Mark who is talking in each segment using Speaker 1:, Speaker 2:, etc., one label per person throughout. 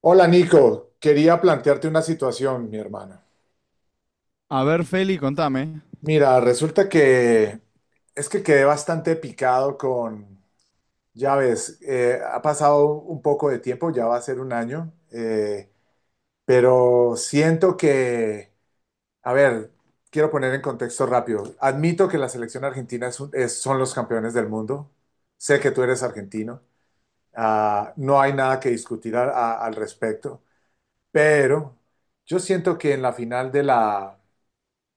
Speaker 1: Hola Nico, quería plantearte una situación, mi hermana.
Speaker 2: A ver, Feli, contame.
Speaker 1: Mira, resulta que es que quedé bastante picado con, ya ves, ha pasado un poco de tiempo, ya va a ser un año, pero siento que, a ver, quiero poner en contexto rápido. Admito que la selección argentina son los campeones del mundo. Sé que tú eres argentino. Ah, no hay nada que discutir al respecto, pero yo siento que en la final de la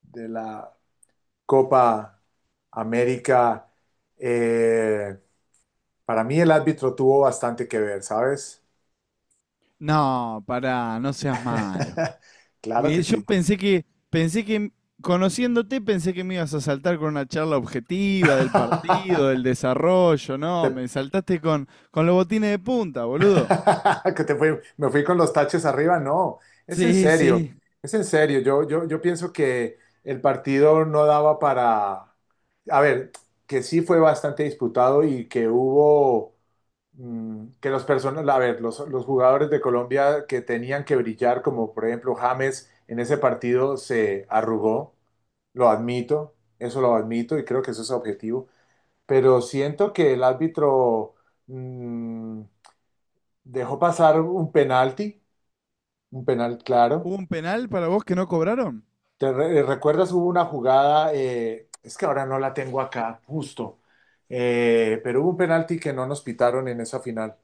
Speaker 1: de la Copa América, eh, para mí el árbitro tuvo bastante que ver, ¿sabes?
Speaker 2: No, pará, no seas malo.
Speaker 1: Claro que
Speaker 2: Yo
Speaker 1: sí.
Speaker 2: pensé que, conociéndote, pensé que me ibas a saltar con una charla objetiva del partido, del desarrollo, ¿no?
Speaker 1: Te-
Speaker 2: Me saltaste con los botines de punta, boludo.
Speaker 1: me fui con los taches arriba, no, es en
Speaker 2: Sí,
Speaker 1: serio,
Speaker 2: sí.
Speaker 1: es en serio. Yo pienso que el partido no daba para, a ver, que sí fue bastante disputado y que hubo que las personas, a ver, los jugadores de Colombia que tenían que brillar, como por ejemplo James, en ese partido se arrugó, lo admito, eso lo admito y creo que eso es objetivo, pero siento que el árbitro mm, dejó pasar un penalti, un penal claro.
Speaker 2: ¿Hubo un penal para vos que no cobraron?
Speaker 1: ¿ recuerdas? Hubo una jugada, es que ahora no la tengo acá, justo, pero hubo un penalti que no nos pitaron en esa final.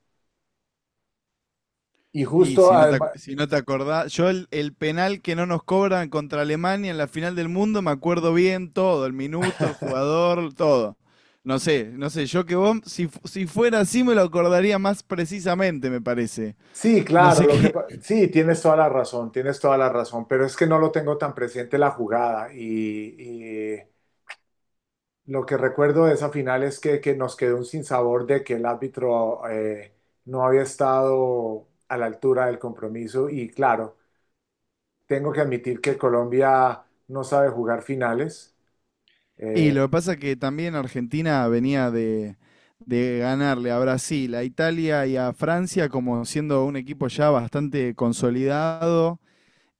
Speaker 1: Y
Speaker 2: Y
Speaker 1: justo, sí,
Speaker 2: si no
Speaker 1: además,
Speaker 2: si no te acordás, yo el penal que no nos cobran contra Alemania en la final del mundo, me acuerdo bien todo, el minuto, el jugador, todo. No sé, no sé, yo que vos, si fuera así me lo acordaría más precisamente, me parece.
Speaker 1: sí,
Speaker 2: No
Speaker 1: claro,
Speaker 2: sé qué.
Speaker 1: sí, tienes toda la razón, tienes toda la razón, pero es que no lo tengo tan presente la jugada y lo que recuerdo de esa final es que nos quedó un sinsabor de que el árbitro no había estado a la altura del compromiso y claro, tengo que admitir que Colombia no sabe jugar finales.
Speaker 2: Y
Speaker 1: eh,
Speaker 2: lo que pasa es que también Argentina venía de ganarle a Brasil, a Italia y a Francia como siendo un equipo ya bastante consolidado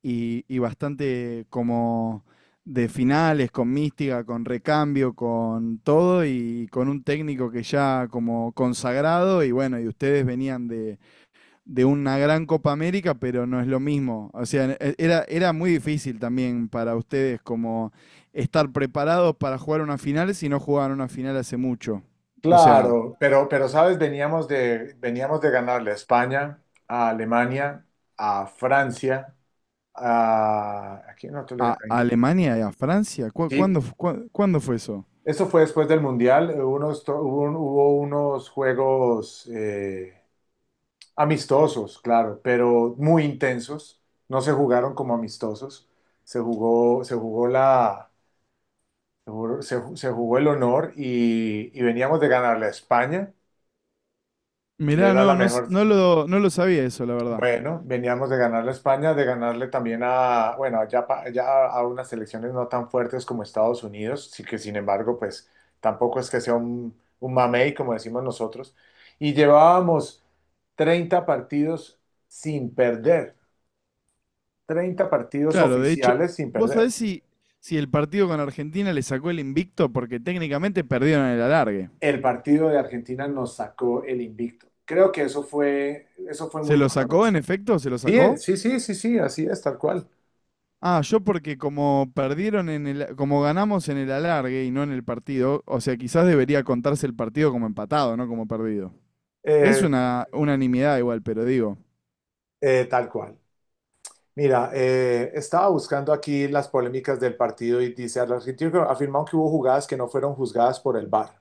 Speaker 2: y bastante como de finales, con mística, con recambio, con todo y con un técnico que ya como consagrado y bueno, y ustedes venían de una gran Copa América, pero no es lo mismo. O sea, era, era muy difícil también para ustedes como estar preparados para jugar una final si no jugaban una final hace mucho. O sea,
Speaker 1: claro, pero sabes, veníamos de ganarle a España, a Alemania, a Francia. A, aquí nosotros le
Speaker 2: a
Speaker 1: ganamos a Ingl-
Speaker 2: Alemania y a Francia,
Speaker 1: sí,
Speaker 2: ¿cuándo fue eso?
Speaker 1: eso fue después del Mundial. Unos, to- hubo, un- hubo unos juegos amistosos, claro, pero muy intensos. No se jugaron como amistosos. Se jugó la, se, jugó se ju- se jugó el honor y veníamos de ganarle a España, que
Speaker 2: Mirá,
Speaker 1: era la
Speaker 2: no, no,
Speaker 1: mejor.
Speaker 2: no lo sabía eso, la verdad.
Speaker 1: Bueno, veníamos de ganarle a España, de ganarle también a, bueno, ya a unas selecciones no tan fuertes como Estados Unidos, sí que sin embargo, pues tampoco es que sea un mamey, como decimos nosotros. Y llevábamos 30 partidos sin perder, 30 partidos
Speaker 2: Claro, de hecho,
Speaker 1: oficiales sin
Speaker 2: ¿vos
Speaker 1: perder.
Speaker 2: sabés si, si el partido con Argentina le sacó el invicto? Porque técnicamente perdieron el alargue.
Speaker 1: El partido de Argentina nos sacó el invicto. Creo que eso fue
Speaker 2: ¿Se
Speaker 1: muy
Speaker 2: lo sacó en
Speaker 1: doloroso.
Speaker 2: efecto? ¿Se lo
Speaker 1: Sí,
Speaker 2: sacó?
Speaker 1: sí, sí, sí, sí, así es, tal cual.
Speaker 2: Ah, yo porque como perdieron en el, como ganamos en el alargue y no en el partido, o sea, quizás debería contarse el partido como empatado, no como perdido. Es
Speaker 1: Eh,
Speaker 2: una unanimidad igual, pero digo,
Speaker 1: tal cual. Mira, estaba buscando aquí las polémicas del partido y dice, el argentino afirmó que hubo jugadas que no fueron juzgadas por el VAR,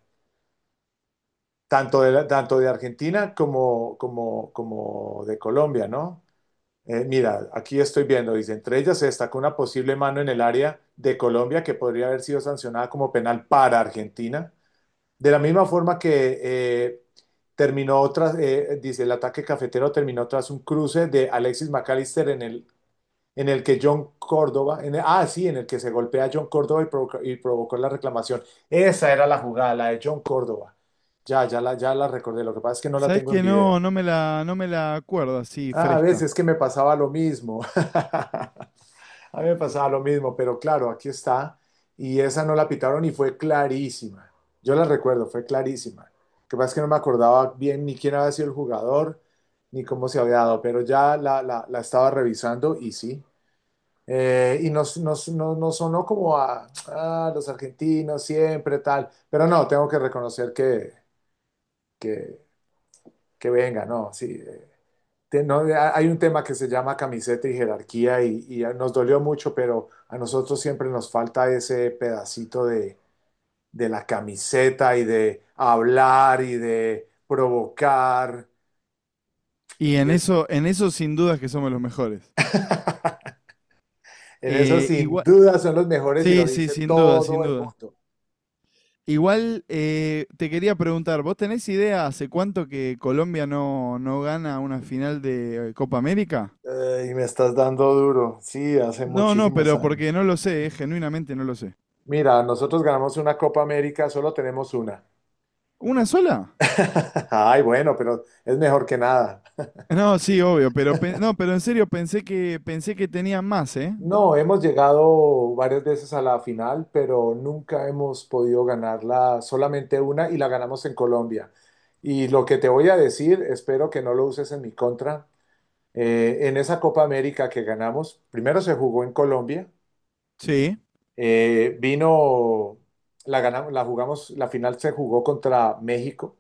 Speaker 1: tanto de Argentina como de Colombia, ¿no? Mira, aquí estoy viendo, dice, entre ellas se destacó una posible mano en el área de Colombia que podría haber sido sancionada como penal para Argentina, de la misma forma que terminó tras, dice, el ataque cafetero terminó tras un cruce de Alexis McAllister en el que John Córdoba, en el- ah, sí, en el que se golpea a John Córdoba y provocó la reclamación. Esa era la jugada, la de John Córdoba. Ya la recordé. Lo que pasa es que no la
Speaker 2: ¿sabés
Speaker 1: tengo en
Speaker 2: que
Speaker 1: video.
Speaker 2: no, no me la acuerdo así
Speaker 1: Ah, a
Speaker 2: fresca?
Speaker 1: veces que me pasaba lo mismo. A mí me pasaba lo mismo, pero claro, aquí está. Y esa no la pitaron y fue clarísima. Yo la recuerdo, fue clarísima. Lo que pasa es que no me acordaba bien ni quién había sido el jugador, ni cómo se había dado, pero la estaba revisando y sí, y nos, nos, no- nos sonó como a "ah, los argentinos siempre tal", pero no, tengo que reconocer que, que venga, no, sí. Te- no, hay un tema que se llama camiseta y jerarquía y nos dolió mucho, pero a nosotros siempre nos falta ese pedacito de la camiseta y de hablar y de provocar.
Speaker 2: Y
Speaker 1: Y es,
Speaker 2: en eso sin dudas que somos los mejores.
Speaker 1: en eso sin
Speaker 2: Igual,
Speaker 1: duda son los mejores y lo
Speaker 2: sí, sí,
Speaker 1: dice
Speaker 2: sin duda, sin
Speaker 1: todo el
Speaker 2: duda.
Speaker 1: mundo.
Speaker 2: Igual te quería preguntar, ¿vos tenés idea hace cuánto que Colombia no, no gana una final de Copa América?
Speaker 1: Y me estás dando duro. Sí, hace
Speaker 2: No, no,
Speaker 1: muchísimos
Speaker 2: pero
Speaker 1: años.
Speaker 2: porque no lo sé, genuinamente no lo sé.
Speaker 1: Mira, nosotros ganamos una Copa América, solo tenemos una.
Speaker 2: ¿Una sola?
Speaker 1: Ay, bueno, pero es mejor que nada.
Speaker 2: No, sí, obvio, pero no, pero en serio pensé que tenían más, ¿eh?
Speaker 1: No, hemos llegado varias veces a la final, pero nunca hemos podido ganarla, solamente una y la ganamos en Colombia. Y lo que te voy a decir, espero que no lo uses en mi contra. En esa Copa América que ganamos, primero se jugó en Colombia.
Speaker 2: Sí.
Speaker 1: Eh, vino, la ganamos, la jugamos, la final se jugó contra México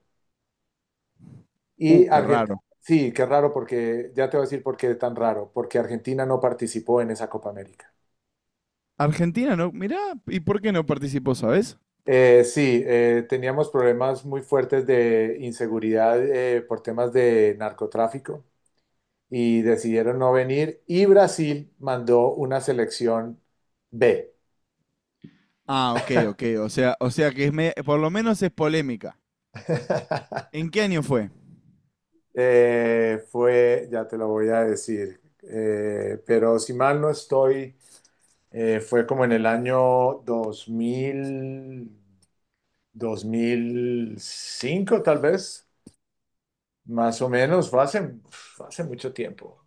Speaker 1: y
Speaker 2: Qué
Speaker 1: Argentina.
Speaker 2: raro.
Speaker 1: Sí, qué raro porque, ya te voy a decir por qué es tan raro, porque Argentina no participó en esa Copa América.
Speaker 2: Argentina no, mirá, ¿y por qué no participó, sabes?
Speaker 1: Sí, teníamos problemas muy fuertes de inseguridad por temas de narcotráfico y decidieron no venir y Brasil mandó una selección B.
Speaker 2: Ah, ok, ok, o sea que es por lo menos es polémica. ¿En qué año fue?
Speaker 1: Ya te lo voy a decir, pero si mal no estoy, fue como en el año 2000, 2005 tal vez, más o menos, fue hace mucho tiempo.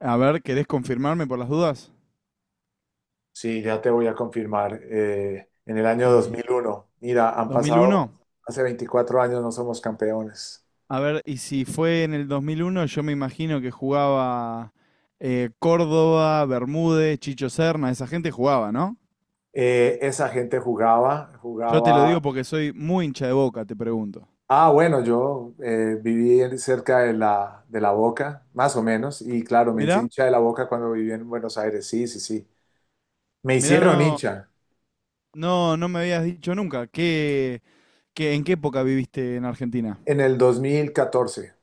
Speaker 2: A ver, ¿querés confirmarme por las dudas?
Speaker 1: Sí, ya te voy a confirmar, en el año
Speaker 2: Eh,
Speaker 1: 2001. Mira, han pasado,
Speaker 2: ¿2001?
Speaker 1: hace 24 años no somos campeones.
Speaker 2: A ver, y si fue en el 2001, yo me imagino que jugaba Córdoba, Bermúdez, Chicho Serna, esa gente jugaba, ¿no?
Speaker 1: Esa gente jugaba,
Speaker 2: Yo te lo digo
Speaker 1: jugaba.
Speaker 2: porque soy muy hincha de Boca, te pregunto.
Speaker 1: Ah, bueno, yo cerca de la Boca, más o menos, y claro, me
Speaker 2: Mirá,
Speaker 1: hice hincha de la Boca cuando viví en Buenos Aires, sí, sí, sí. Me
Speaker 2: mirá,
Speaker 1: hicieron
Speaker 2: no,
Speaker 1: hincha
Speaker 2: no, no me habías dicho nunca. ¿Qué, en qué época viviste en Argentina?
Speaker 1: en el 2014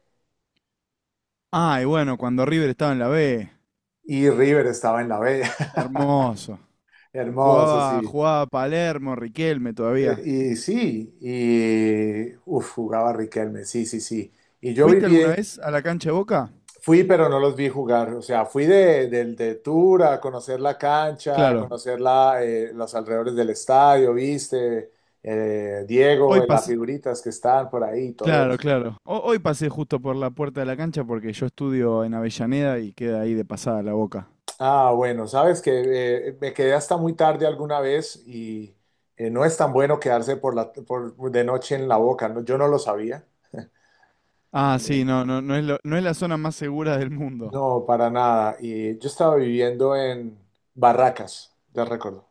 Speaker 2: Ah, y bueno, cuando River estaba en la B.
Speaker 1: y River estaba en la B.
Speaker 2: Hermoso.
Speaker 1: Hermoso,
Speaker 2: Jugaba,
Speaker 1: sí.
Speaker 2: jugaba Palermo, Riquelme todavía.
Speaker 1: Y sí, y uf, jugaba Riquelme, sí, sí, sí. Y yo
Speaker 2: ¿Fuiste alguna
Speaker 1: viví
Speaker 2: vez a la cancha de Boca?
Speaker 1: fui, pero no los vi jugar. O sea, de tour a conocer la cancha, a
Speaker 2: Claro.
Speaker 1: conocer la, los alrededores del estadio, viste. Diego,
Speaker 2: Hoy,
Speaker 1: las
Speaker 2: pas-
Speaker 1: figuritas que están por ahí, todo
Speaker 2: Claro,
Speaker 1: eso.
Speaker 2: claro. Hoy pasé justo por la puerta de la cancha porque yo estudio en Avellaneda y queda ahí de pasada la Boca.
Speaker 1: Ah, bueno, sabes que me quedé hasta muy tarde alguna vez y no es tan bueno quedarse por, de noche en la Boca, ¿no? Yo no lo sabía.
Speaker 2: Ah,
Speaker 1: Eh,
Speaker 2: sí, no, no, no es la zona más segura del mundo.
Speaker 1: no, para nada. Y yo estaba viviendo en Barracas, ya recuerdo,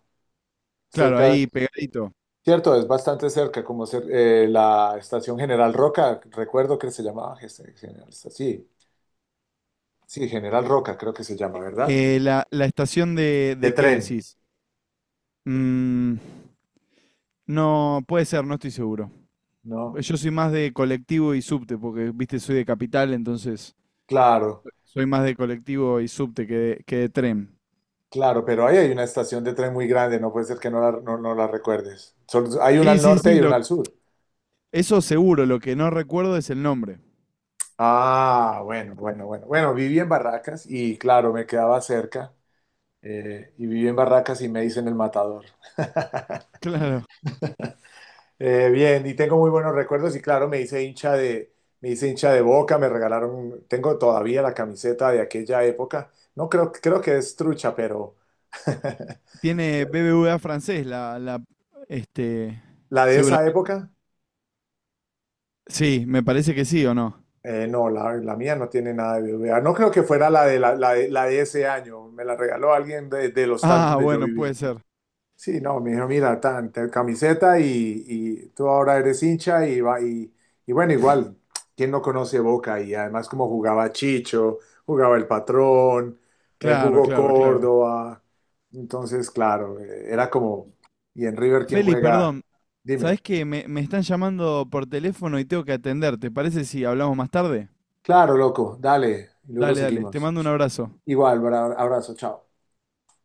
Speaker 2: Claro,
Speaker 1: cerca.
Speaker 2: ahí pegadito.
Speaker 1: Cierto, es bastante cerca, la estación General Roca, recuerdo que se llamaba General, este, sí, sí, General Roca creo que se llama, ¿verdad?
Speaker 2: La estación
Speaker 1: De
Speaker 2: ¿de qué
Speaker 1: tren,
Speaker 2: decís? Mm, no, puede ser, no estoy seguro.
Speaker 1: ¿no?
Speaker 2: Pues yo soy más de colectivo y subte, porque, viste, soy de capital, entonces
Speaker 1: Claro,
Speaker 2: soy más de colectivo y subte que que de tren.
Speaker 1: claro, pero ahí hay una estación de tren muy grande, no puede ser que no la recuerdes. Hay una
Speaker 2: Sí,
Speaker 1: al
Speaker 2: sí,
Speaker 1: norte
Speaker 2: sí,
Speaker 1: y una al sur.
Speaker 2: eso seguro, lo que no recuerdo es el nombre.
Speaker 1: Ah, bueno, bueno, bueno. Bueno, viví en Barracas y claro, me quedaba cerca, y viví en Barracas y me hice en el Matador.
Speaker 2: Claro.
Speaker 1: Bien, y tengo muy buenos recuerdos y claro, me hice hincha de Boca, me regalaron, tengo todavía la camiseta de aquella época. No creo, creo que es trucha, pero
Speaker 2: Tiene BBVA francés, este,
Speaker 1: la de esa
Speaker 2: seguramente.
Speaker 1: época,
Speaker 2: Sí, me parece que sí o no.
Speaker 1: la mía no tiene nada de BBVA. No creo que fuera la de ese año, me la regaló alguien de, del hostal
Speaker 2: Ah,
Speaker 1: donde yo
Speaker 2: bueno,
Speaker 1: vivía.
Speaker 2: puede ser.
Speaker 1: Sí, no, me dijo, mira, camiseta y tú ahora eres hincha y bueno, igual, ¿quién no conoce Boca? Y además como jugaba Chicho, jugaba El Patrón,
Speaker 2: Claro,
Speaker 1: jugó
Speaker 2: claro, claro.
Speaker 1: Córdoba, entonces, claro, era como, ¿y en River quién
Speaker 2: Feli,
Speaker 1: juega?
Speaker 2: perdón,
Speaker 1: Dime,
Speaker 2: ¿sabés que me están llamando por teléfono y tengo que atender? ¿Te parece si hablamos más tarde?
Speaker 1: claro, loco, dale, y luego
Speaker 2: Dale, dale, te
Speaker 1: seguimos.
Speaker 2: mando un abrazo.
Speaker 1: Igual, abrazo, chao.